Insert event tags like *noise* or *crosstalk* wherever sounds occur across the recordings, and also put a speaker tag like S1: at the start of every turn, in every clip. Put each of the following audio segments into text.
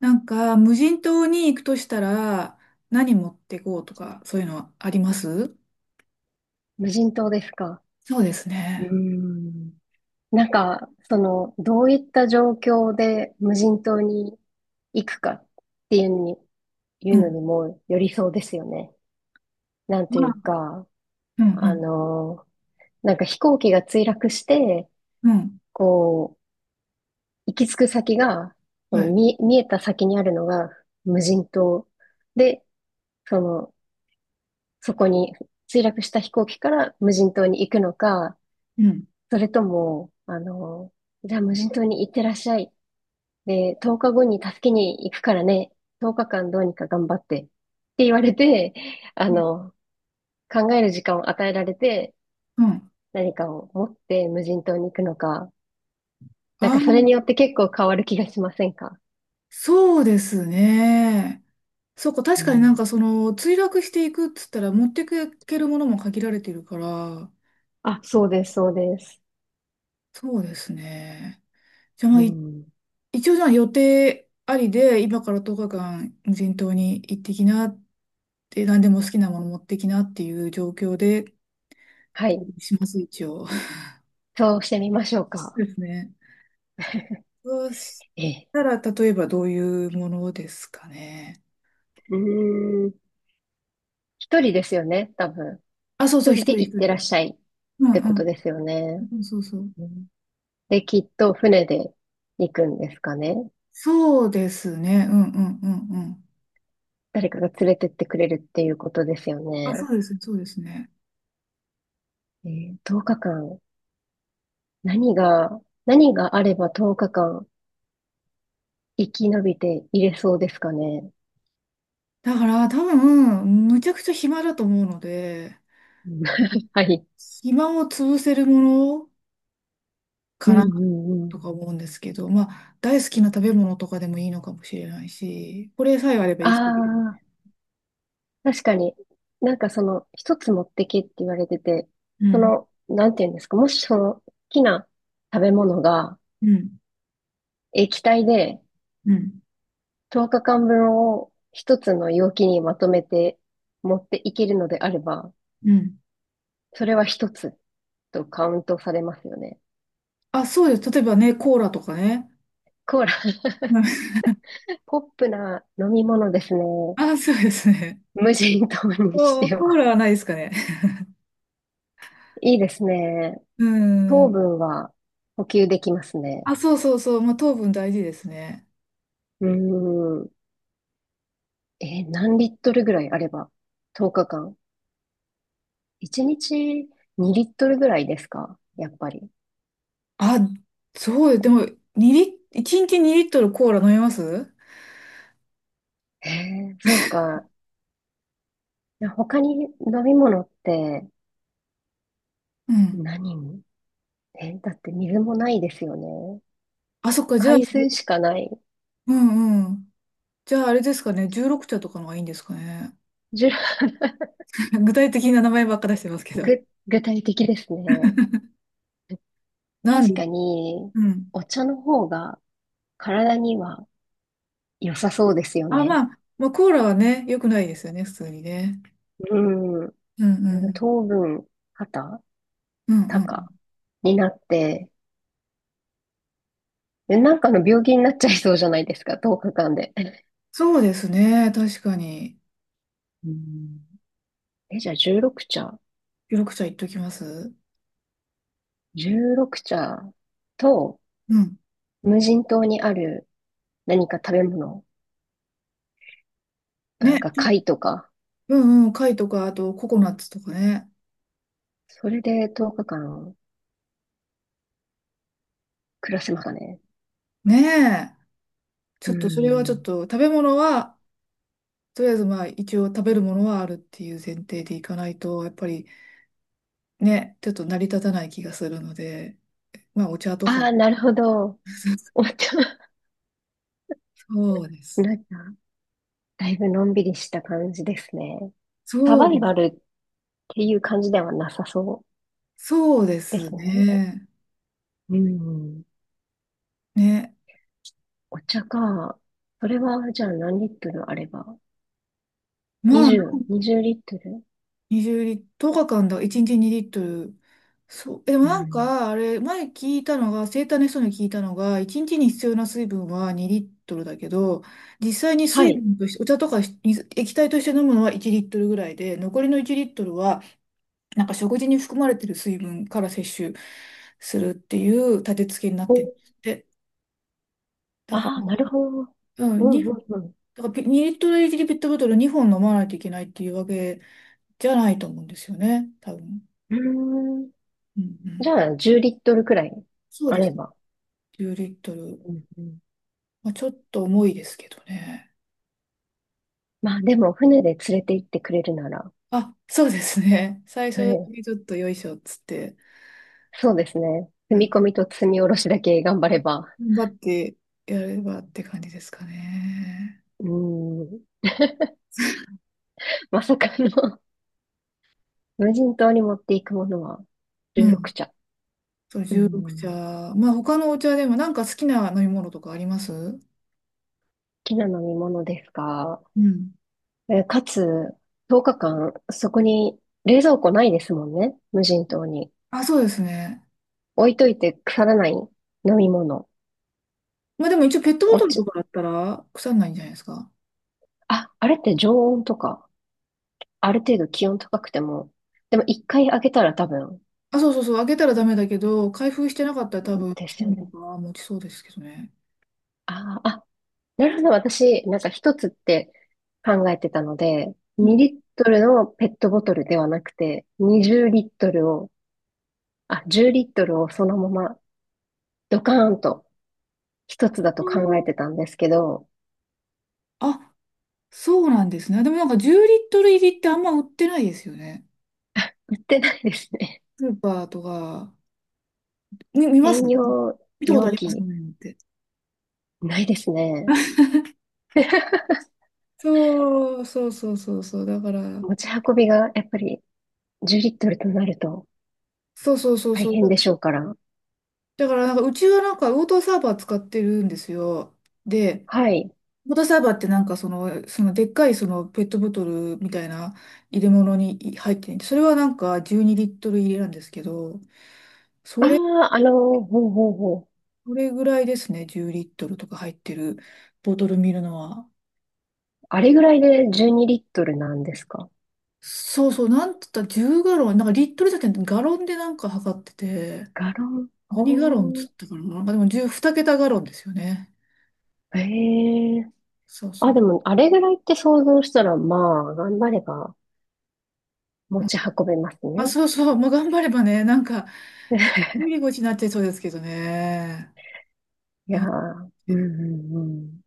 S1: なんか、無人島に行くとしたら、何持ってこうとか、そういうのはあります？
S2: 無人島ですか。
S1: そうですね。
S2: なんか、その、どういった状況で無人島に行くかっていうのに、い
S1: う
S2: うのに
S1: ん。
S2: もよりそうですよね。なんと
S1: ま
S2: い
S1: あ、
S2: うか、
S1: う
S2: あ
S1: ん、
S2: の、なんか飛行機が墜落して、
S1: うん、うん。
S2: こう、行き着く先が、そ
S1: は
S2: の
S1: い。
S2: 見えた先にあるのが無人島で、その、そこに墜落した飛行機から無人島に行くのか、
S1: うん。
S2: それとも、じゃあ無人島に行ってらっしゃい。で、10日後に助けに行くからね、10日間どうにか頑張って、って言われて、あの、考える時間を与えられて、
S1: うん。
S2: 何かを持って無人島に行くのか、なんかそれ
S1: あ、
S2: によって結構変わる気がしませんか？
S1: そうですね。そこ、
S2: う
S1: 確かになん
S2: ん。
S1: かその、墜落していくっつったら、持っていけるものも限られてるから。
S2: あ、そうです、そうです。
S1: そうですね。じゃあ、まあ、
S2: う
S1: い
S2: ん。
S1: 一応じゃあ予定ありで、今から10日間無人島に行ってきなって、何でも好きなもの持ってきなっていう状況で、
S2: はい。
S1: します、一応。
S2: そうしてみましょう
S1: *laughs*
S2: か。
S1: ですね。そうし
S2: ええ。
S1: たら、例えばどういうものですかね。
S2: うーん。一人ですよね、多分。
S1: あ、そうそ
S2: 一
S1: う、一
S2: 人
S1: 人
S2: で
S1: 一
S2: 行ってらっ
S1: 人。
S2: しゃいっ
S1: うん
S2: てこと
S1: う
S2: ですよね。
S1: ん。そうそうそう。
S2: うん。で、きっと船で行くんですかね。
S1: そうですね。うんうんうんうん。
S2: 誰かが連れてってくれるっていうことですよ
S1: あ、そ
S2: ね。
S1: うですね、そうですね。
S2: 10日間、何が、何があれば10日間生き延びていれそうですかね。
S1: だから多分、むちゃくちゃ暇だと思うので、
S2: うん *laughs* はい。
S1: 暇を潰せるものか
S2: うん
S1: な
S2: うんうん。
S1: とか思うんですけど、まあ、大好きな食べ物とかでもいいのかもしれないし、これさえあれば
S2: あ
S1: 生きていける。
S2: あ、確かに。なんかその、一つ持ってけって言われてて、
S1: う
S2: そ
S1: ん、
S2: の、なんていうんですか、もしその、好きな食べ物が
S1: うん、
S2: 液体で
S1: うん、
S2: 10日間分を一つの容器にまとめて持っていけるのであれば、
S1: うん。
S2: それは一つ。とカウントされますよね。
S1: あ、そうです。例えばね、コーラとかね。
S2: コーラ、
S1: *laughs* うん。
S2: *laughs* ポップな飲み物ですね。
S1: あ、そうですね。
S2: 無人島にし
S1: お、
S2: て
S1: コー
S2: は。
S1: ラはないですかね。
S2: いいですね。
S1: う
S2: 糖
S1: ん。
S2: 分は補給できますね。
S1: あ、そうそうそう。まあ、糖分大事ですね。
S2: うーん。何リットルぐらいあれば 10 日間。1日2リットルぐらいですかやっぱり。
S1: あ、そう、でも、2リ、1日2リットルコーラ飲みます？
S2: へえ、そうか。他に飲み物って
S1: うん。
S2: 何にえ、だって水もないですよね。
S1: あ、そっか、じゃあ、
S2: 海水しかない。
S1: うんうん。じゃあ、あれですかね、16茶とかのがいいんですかね。
S2: じゅ、
S1: *laughs* 具体的な名前ばっか出してますけど。
S2: ぐ、具体的ですね。
S1: なん
S2: 確
S1: で、
S2: かに、
S1: うん。
S2: お茶の方が体には良さそうですよ
S1: あ、ま
S2: ね。
S1: あ、まあ、コーラはね、良くないですよね、普通にね。
S2: うん。
S1: うんう
S2: なんか
S1: ん。
S2: 糖分、肩、
S1: うんうん。
S2: 高になって、でなんかの病気になっちゃいそうじゃないですか、10日間で。
S1: そうですね、確かに。
S2: うん。え、じゃあ16茶。
S1: 緑茶言っときます。
S2: 16茶と
S1: うん。
S2: 無人島にある何か食べ物、なんか
S1: ね。
S2: 貝とか、
S1: うんうん。貝とか、あとココナッツとかね。
S2: それで10日間暮らせますかね。
S1: ねえ。ちょ
S2: う
S1: っと、それはちょっ
S2: ん。
S1: と、食べ物は、とりあえずまあ、一応食べるものはあるっていう前提でいかないと、やっぱりね、ちょっと成り立たない気がするので、まあ、お茶とか。
S2: ああ、なるほど。
S1: *laughs*
S2: お茶、
S1: そうです。
S2: なんか、だいぶのんびりした感じですね。サ
S1: そ
S2: バ
S1: う
S2: イ
S1: で
S2: バ
S1: す。
S2: ルっていう感じではなさそ
S1: そうで
S2: うで
S1: す
S2: すね。
S1: ね。
S2: うん。
S1: ね。
S2: お茶か。それは、じゃあ何リットルあれば
S1: まあ、
S2: 20、20リットル。
S1: 20リットル、10日間だ、1日2リットル。そう。え、でも
S2: う
S1: なん
S2: ん。
S1: か、あれ、前聞いたのが、生体の人に聞いたのが、1日にちに必要な水分は2リットルだけど、実際に
S2: は
S1: 水
S2: い。
S1: 分として、お茶とかし水液体として飲むのは1リットルぐらいで、残りの1リットルは、なんか食事に含まれてる水分から摂取するっていう立て付けになってるん
S2: お、
S1: ですって。
S2: あ
S1: だか
S2: あ、なるほど。
S1: ら、う
S2: う
S1: ん、に、
S2: んうんう
S1: だからピ2リットル1リットルボトル2本飲まないといけないっていうわけじゃないと思うんですよね、多分。
S2: ん。うーん。
S1: うんう
S2: じ
S1: ん。
S2: ゃあ、10リットルくらい
S1: そう
S2: あ
S1: で
S2: れ
S1: す。
S2: ば。
S1: 10リットル。
S2: うんうん。
S1: まあ、ちょっと重いですけどね。
S2: まあでも、船で連れて行ってくれるなら、
S1: あ、そうですね。*laughs* 最
S2: は
S1: 初
S2: い。
S1: にちょっとよいしょっつって、
S2: そうですね。積
S1: なん
S2: み込
S1: か、
S2: みと積み下ろしだけ頑張れば。
S1: 頑張ってやればって感じですかね。
S2: うーん。*laughs* まさかの無人島に持っていくものは
S1: う
S2: 16
S1: ん。
S2: 茶。
S1: そう、
S2: うん。好
S1: 16茶。まあ、他のお茶でもなんか好きな飲み物とかあります？
S2: きな飲み物ですか？
S1: うん。
S2: かつ、10日間、そこに冷蔵庫ないですもんね。無人島に。
S1: あ、そうですね。
S2: 置いといて腐らない飲み物。
S1: まあ、でも一応ペットボ
S2: お
S1: トル
S2: 茶、
S1: とかだったら腐んないんじゃないですか。
S2: あ、あれって常温とか、ある程度気温高くても、でも一回開けたら多分
S1: あ、そうそうそう、開けたらダメだけど、開封してなかったら多分、
S2: で
S1: チ
S2: す
S1: ー
S2: よ
S1: ム
S2: ね。
S1: とか持ちそうですけどね。
S2: あーあ、なるほど。私、なんか一つって考えてたので、
S1: う
S2: 2
S1: ん。
S2: リットルのペットボトルではなくて、20リットル、あ、10リットルをそのままドカーンと一つだと考えてたんですけど、
S1: あ、そうなんですね。でもなんか10リットル入りってあんま売ってないですよね。
S2: 売ってないですね。
S1: スーパーとか、み、見
S2: *laughs*
S1: ます
S2: 専用
S1: 見たこと
S2: 容
S1: あります
S2: 器
S1: ねって。
S2: ないですね。
S1: そうそうそうそうそう。だから、
S2: 持ち運びがやっぱり10リットルとなると
S1: そうそうそう
S2: 大
S1: そ
S2: 変で
S1: う。
S2: しょうから。
S1: だからなんかうちはなんかウォーターサーバー使ってるんですよ。で、
S2: はい。
S1: ウォーターサーバーってなんかその、そのでっかいそのペットボトルみたいな入れ物に入っていて、それはなんか12リットル入れなんですけど、
S2: あ
S1: それ、
S2: あ、ほうほうほう。
S1: それぐらいですね、10リットルとか入ってるボトル見るのは。
S2: あれぐらいで12リットルなんですか。
S1: そうそう、なんつったら10ガロン、なんかリットルじゃなくてガロンでなんか測ってて、
S2: ガロン。ほ
S1: 何ガロンっつ
S2: う。
S1: ったかな、なんかでも10、2桁ガロンですよね。
S2: へえ。
S1: そうそ
S2: あ、
S1: う。
S2: でも、あれぐらいって想像したら、まあ、頑張れば持
S1: うん。
S2: ち運べます
S1: あ、
S2: ね。
S1: そうそう、まあ、頑張ればね、なんかぎっくり腰になっちゃいそうですけどね。
S2: いやー、うんうんうん。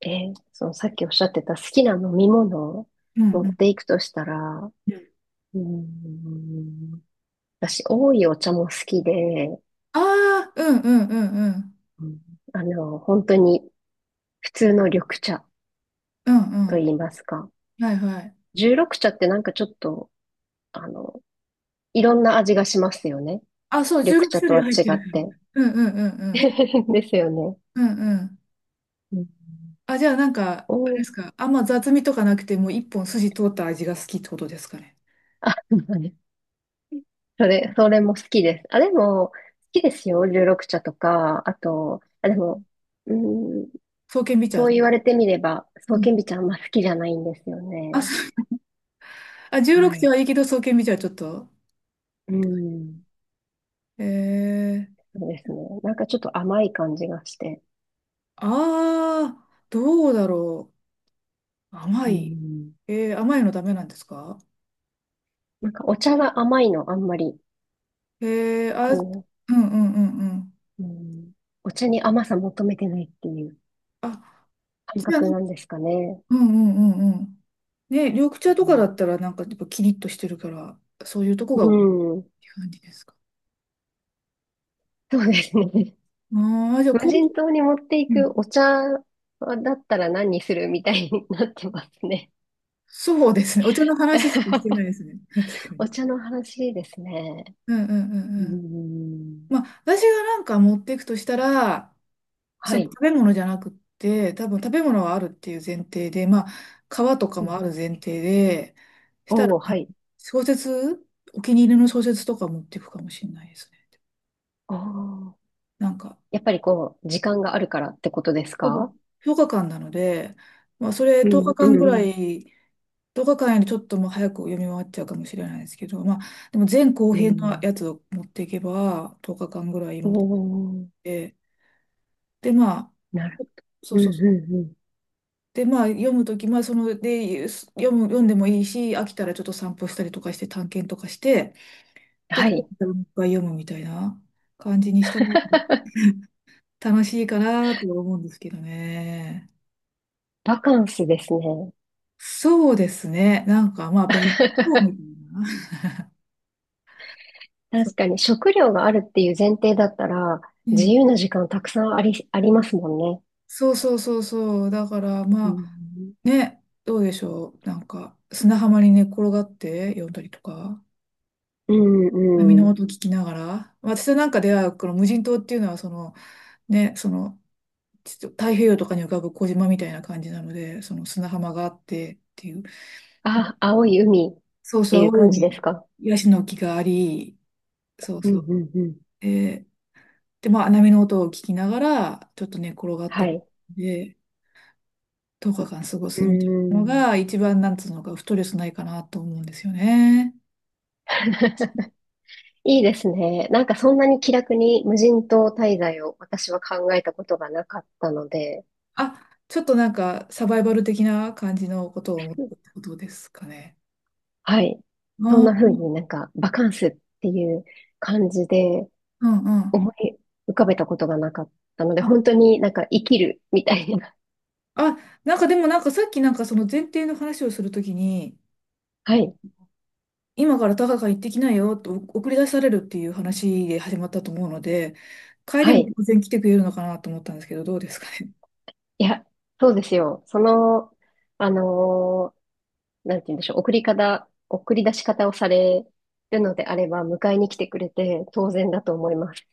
S2: えそのさっきおっしゃってた好きな飲み物を
S1: うん
S2: 持
S1: う
S2: って
S1: ん。
S2: いくとしたら、うーん、私、多いお茶も好きで、
S1: ああ、うんうんうんうん。
S2: うん。本当に普通の緑茶
S1: うんう
S2: と
S1: ん。
S2: 言いますか。
S1: はいはい。
S2: 十六茶ってなんかちょっと、あの、いろんな味がしますよね。
S1: あ、そう、
S2: 緑茶とは
S1: 16
S2: 違
S1: 種類
S2: っ
S1: 入ってる
S2: て。
S1: から。*laughs* うんうんうんう
S2: *laughs*
S1: ん。
S2: ですよね。
S1: うんうん。
S2: うん。
S1: あ、じゃあなんか、あれで
S2: お、
S1: すか。あんま雑味とかなくてもう一本筋通った味が好きってことですかね。
S2: あ、*laughs* それも好きです。あ、でも、好きですよ。十六茶とか、あと、あ、でも、うん。
S1: 爽健美茶。
S2: そう言われてみれば、そ
S1: う
S2: うけんび
S1: ん。
S2: ちゃんあんま好きじゃないんですよ
S1: あ、そ
S2: ね。
S1: う、あ、
S2: は
S1: 16茶
S2: い。
S1: はいいけど爽健美茶はちょっと。
S2: うん。
S1: えー、
S2: そうですね。なんかちょっと甘い感じがして。
S1: ああ、どうだろう。甘
S2: う
S1: い。
S2: ん。
S1: えー、甘いのダメなんですか？
S2: なんかお茶が甘いのあんまり、
S1: えー、あ、うん
S2: こ
S1: うんうんうん。
S2: う、うん、お茶に甘さ求めてないっていう
S1: あ、
S2: 感
S1: じゃ
S2: 覚なん
S1: あ、
S2: ですかね。
S1: うんうんうんうん。ね、緑茶と
S2: う
S1: かだ
S2: ん
S1: ったらなんかやっぱキリッとしてるから、そういうとこが、
S2: う
S1: って
S2: ん。
S1: 感じですか。
S2: そうですね。*laughs*
S1: ああ、じゃあ、
S2: 無
S1: こ
S2: 人島
S1: う、
S2: に持ってい
S1: う
S2: く
S1: ん。
S2: お茶だったら何にするみたいになってますね。
S1: そうですね。お茶の話しかしてないですね。確
S2: *laughs*
S1: かに。
S2: お茶の話ですね。
S1: うんうんう
S2: う
S1: んうん。
S2: ん。
S1: まあ、私がなんか持っていくとしたら、そ
S2: は
S1: の
S2: い。
S1: 食べ物じゃなくって、多分食べ物はあるっていう前提で、まあ、皮とか
S2: う
S1: もあ
S2: ん。
S1: る前提で、したら、
S2: おー、はい。
S1: 小説、お気に入りの小説とか持っていくかもしれないですね。
S2: ああ。
S1: なんか、
S2: やっぱりこう、時間があるからってことです
S1: 多
S2: か？
S1: 分10日間なので、まあ、それ
S2: う
S1: 10
S2: ん、
S1: 日間ぐ
S2: う
S1: ら
S2: ん、
S1: い、10日間よりちょっともう早く読み終わっちゃうかもしれないですけど、まあ、でも前後
S2: う
S1: 編の
S2: ん。
S1: やつを持っていけば、10日間ぐらい
S2: お
S1: 持っ
S2: ー、
S1: て、で、まあ、
S2: なる。
S1: そう
S2: うん
S1: そうそう。
S2: うんうん。
S1: で、まあ、読むとき、まあ、その、で、読む、読んでもいいし、飽きたらちょっと散歩したりとかして、探検とかして、で、
S2: は
S1: も
S2: い。
S1: う一回読むみたいな感じにしたら、
S2: *laughs*
S1: *laughs* 楽しいかなとは思うんですけどね。
S2: バカンスですね。
S1: そうですね。なんかまあ
S2: *laughs*
S1: 別荘みたいな。*laughs* そう、
S2: 確かに食料があるっていう前提だったら、
S1: う
S2: 自
S1: ん。
S2: 由な時間たくさんありますもんね。
S1: そうそうそうそう。だから
S2: う
S1: まあ
S2: ん、
S1: ね、どうでしょう。なんか砂浜に寝っ転がって読んだりとか、
S2: う
S1: 波
S2: んう
S1: の
S2: ん。
S1: 音聞きながら。私なんかではこの無人島っていうのはそのね、そのちょっと太平洋とかに浮かぶ小島みたいな感じなので、その砂浜があってっていう。
S2: あ、青い海っ
S1: そう
S2: て
S1: そう、
S2: いう
S1: 青い
S2: 感じです
S1: 海、
S2: か？
S1: ヤシの木があり、そう
S2: うん、
S1: そう。
S2: うん、うん。
S1: でで、まあ、波の音を聞きながら、ちょっと寝転がっ
S2: は
S1: て、
S2: い。
S1: で、10日間過ご
S2: う
S1: すみたいなの
S2: ん
S1: が、一番、なんつうのか、ストレスないかなと思うんですよね。
S2: *laughs* いいですね。なんかそんなに気楽に無人島滞在を私は考えたことがなかったので、
S1: あ、ちょっとなんか、サバイバル的な感じのことを思ったってことですかね。
S2: はい。そん
S1: あ
S2: な
S1: ー、う
S2: 風
S1: ん
S2: になんかバカンスっていう感じで
S1: うんうん。
S2: 思い浮かべたことがなかったので、
S1: あ、
S2: 本当になんか生きるみたいな。
S1: あ、なんかでもなんかさっきなんかその前提の話をするときに、
S2: *laughs* はい。
S1: 今から高カ行ってきなよと送り出されるっていう話で始まったと思うので、帰り
S2: は
S1: も
S2: い。
S1: 当然来てくれるのかなと思ったんですけど、どうですかね。
S2: いや、そうですよ。その、あのーなんて言うんでしょう。送り方、送り出し方をされるのであれば、迎えに来てくれて当然だと思います。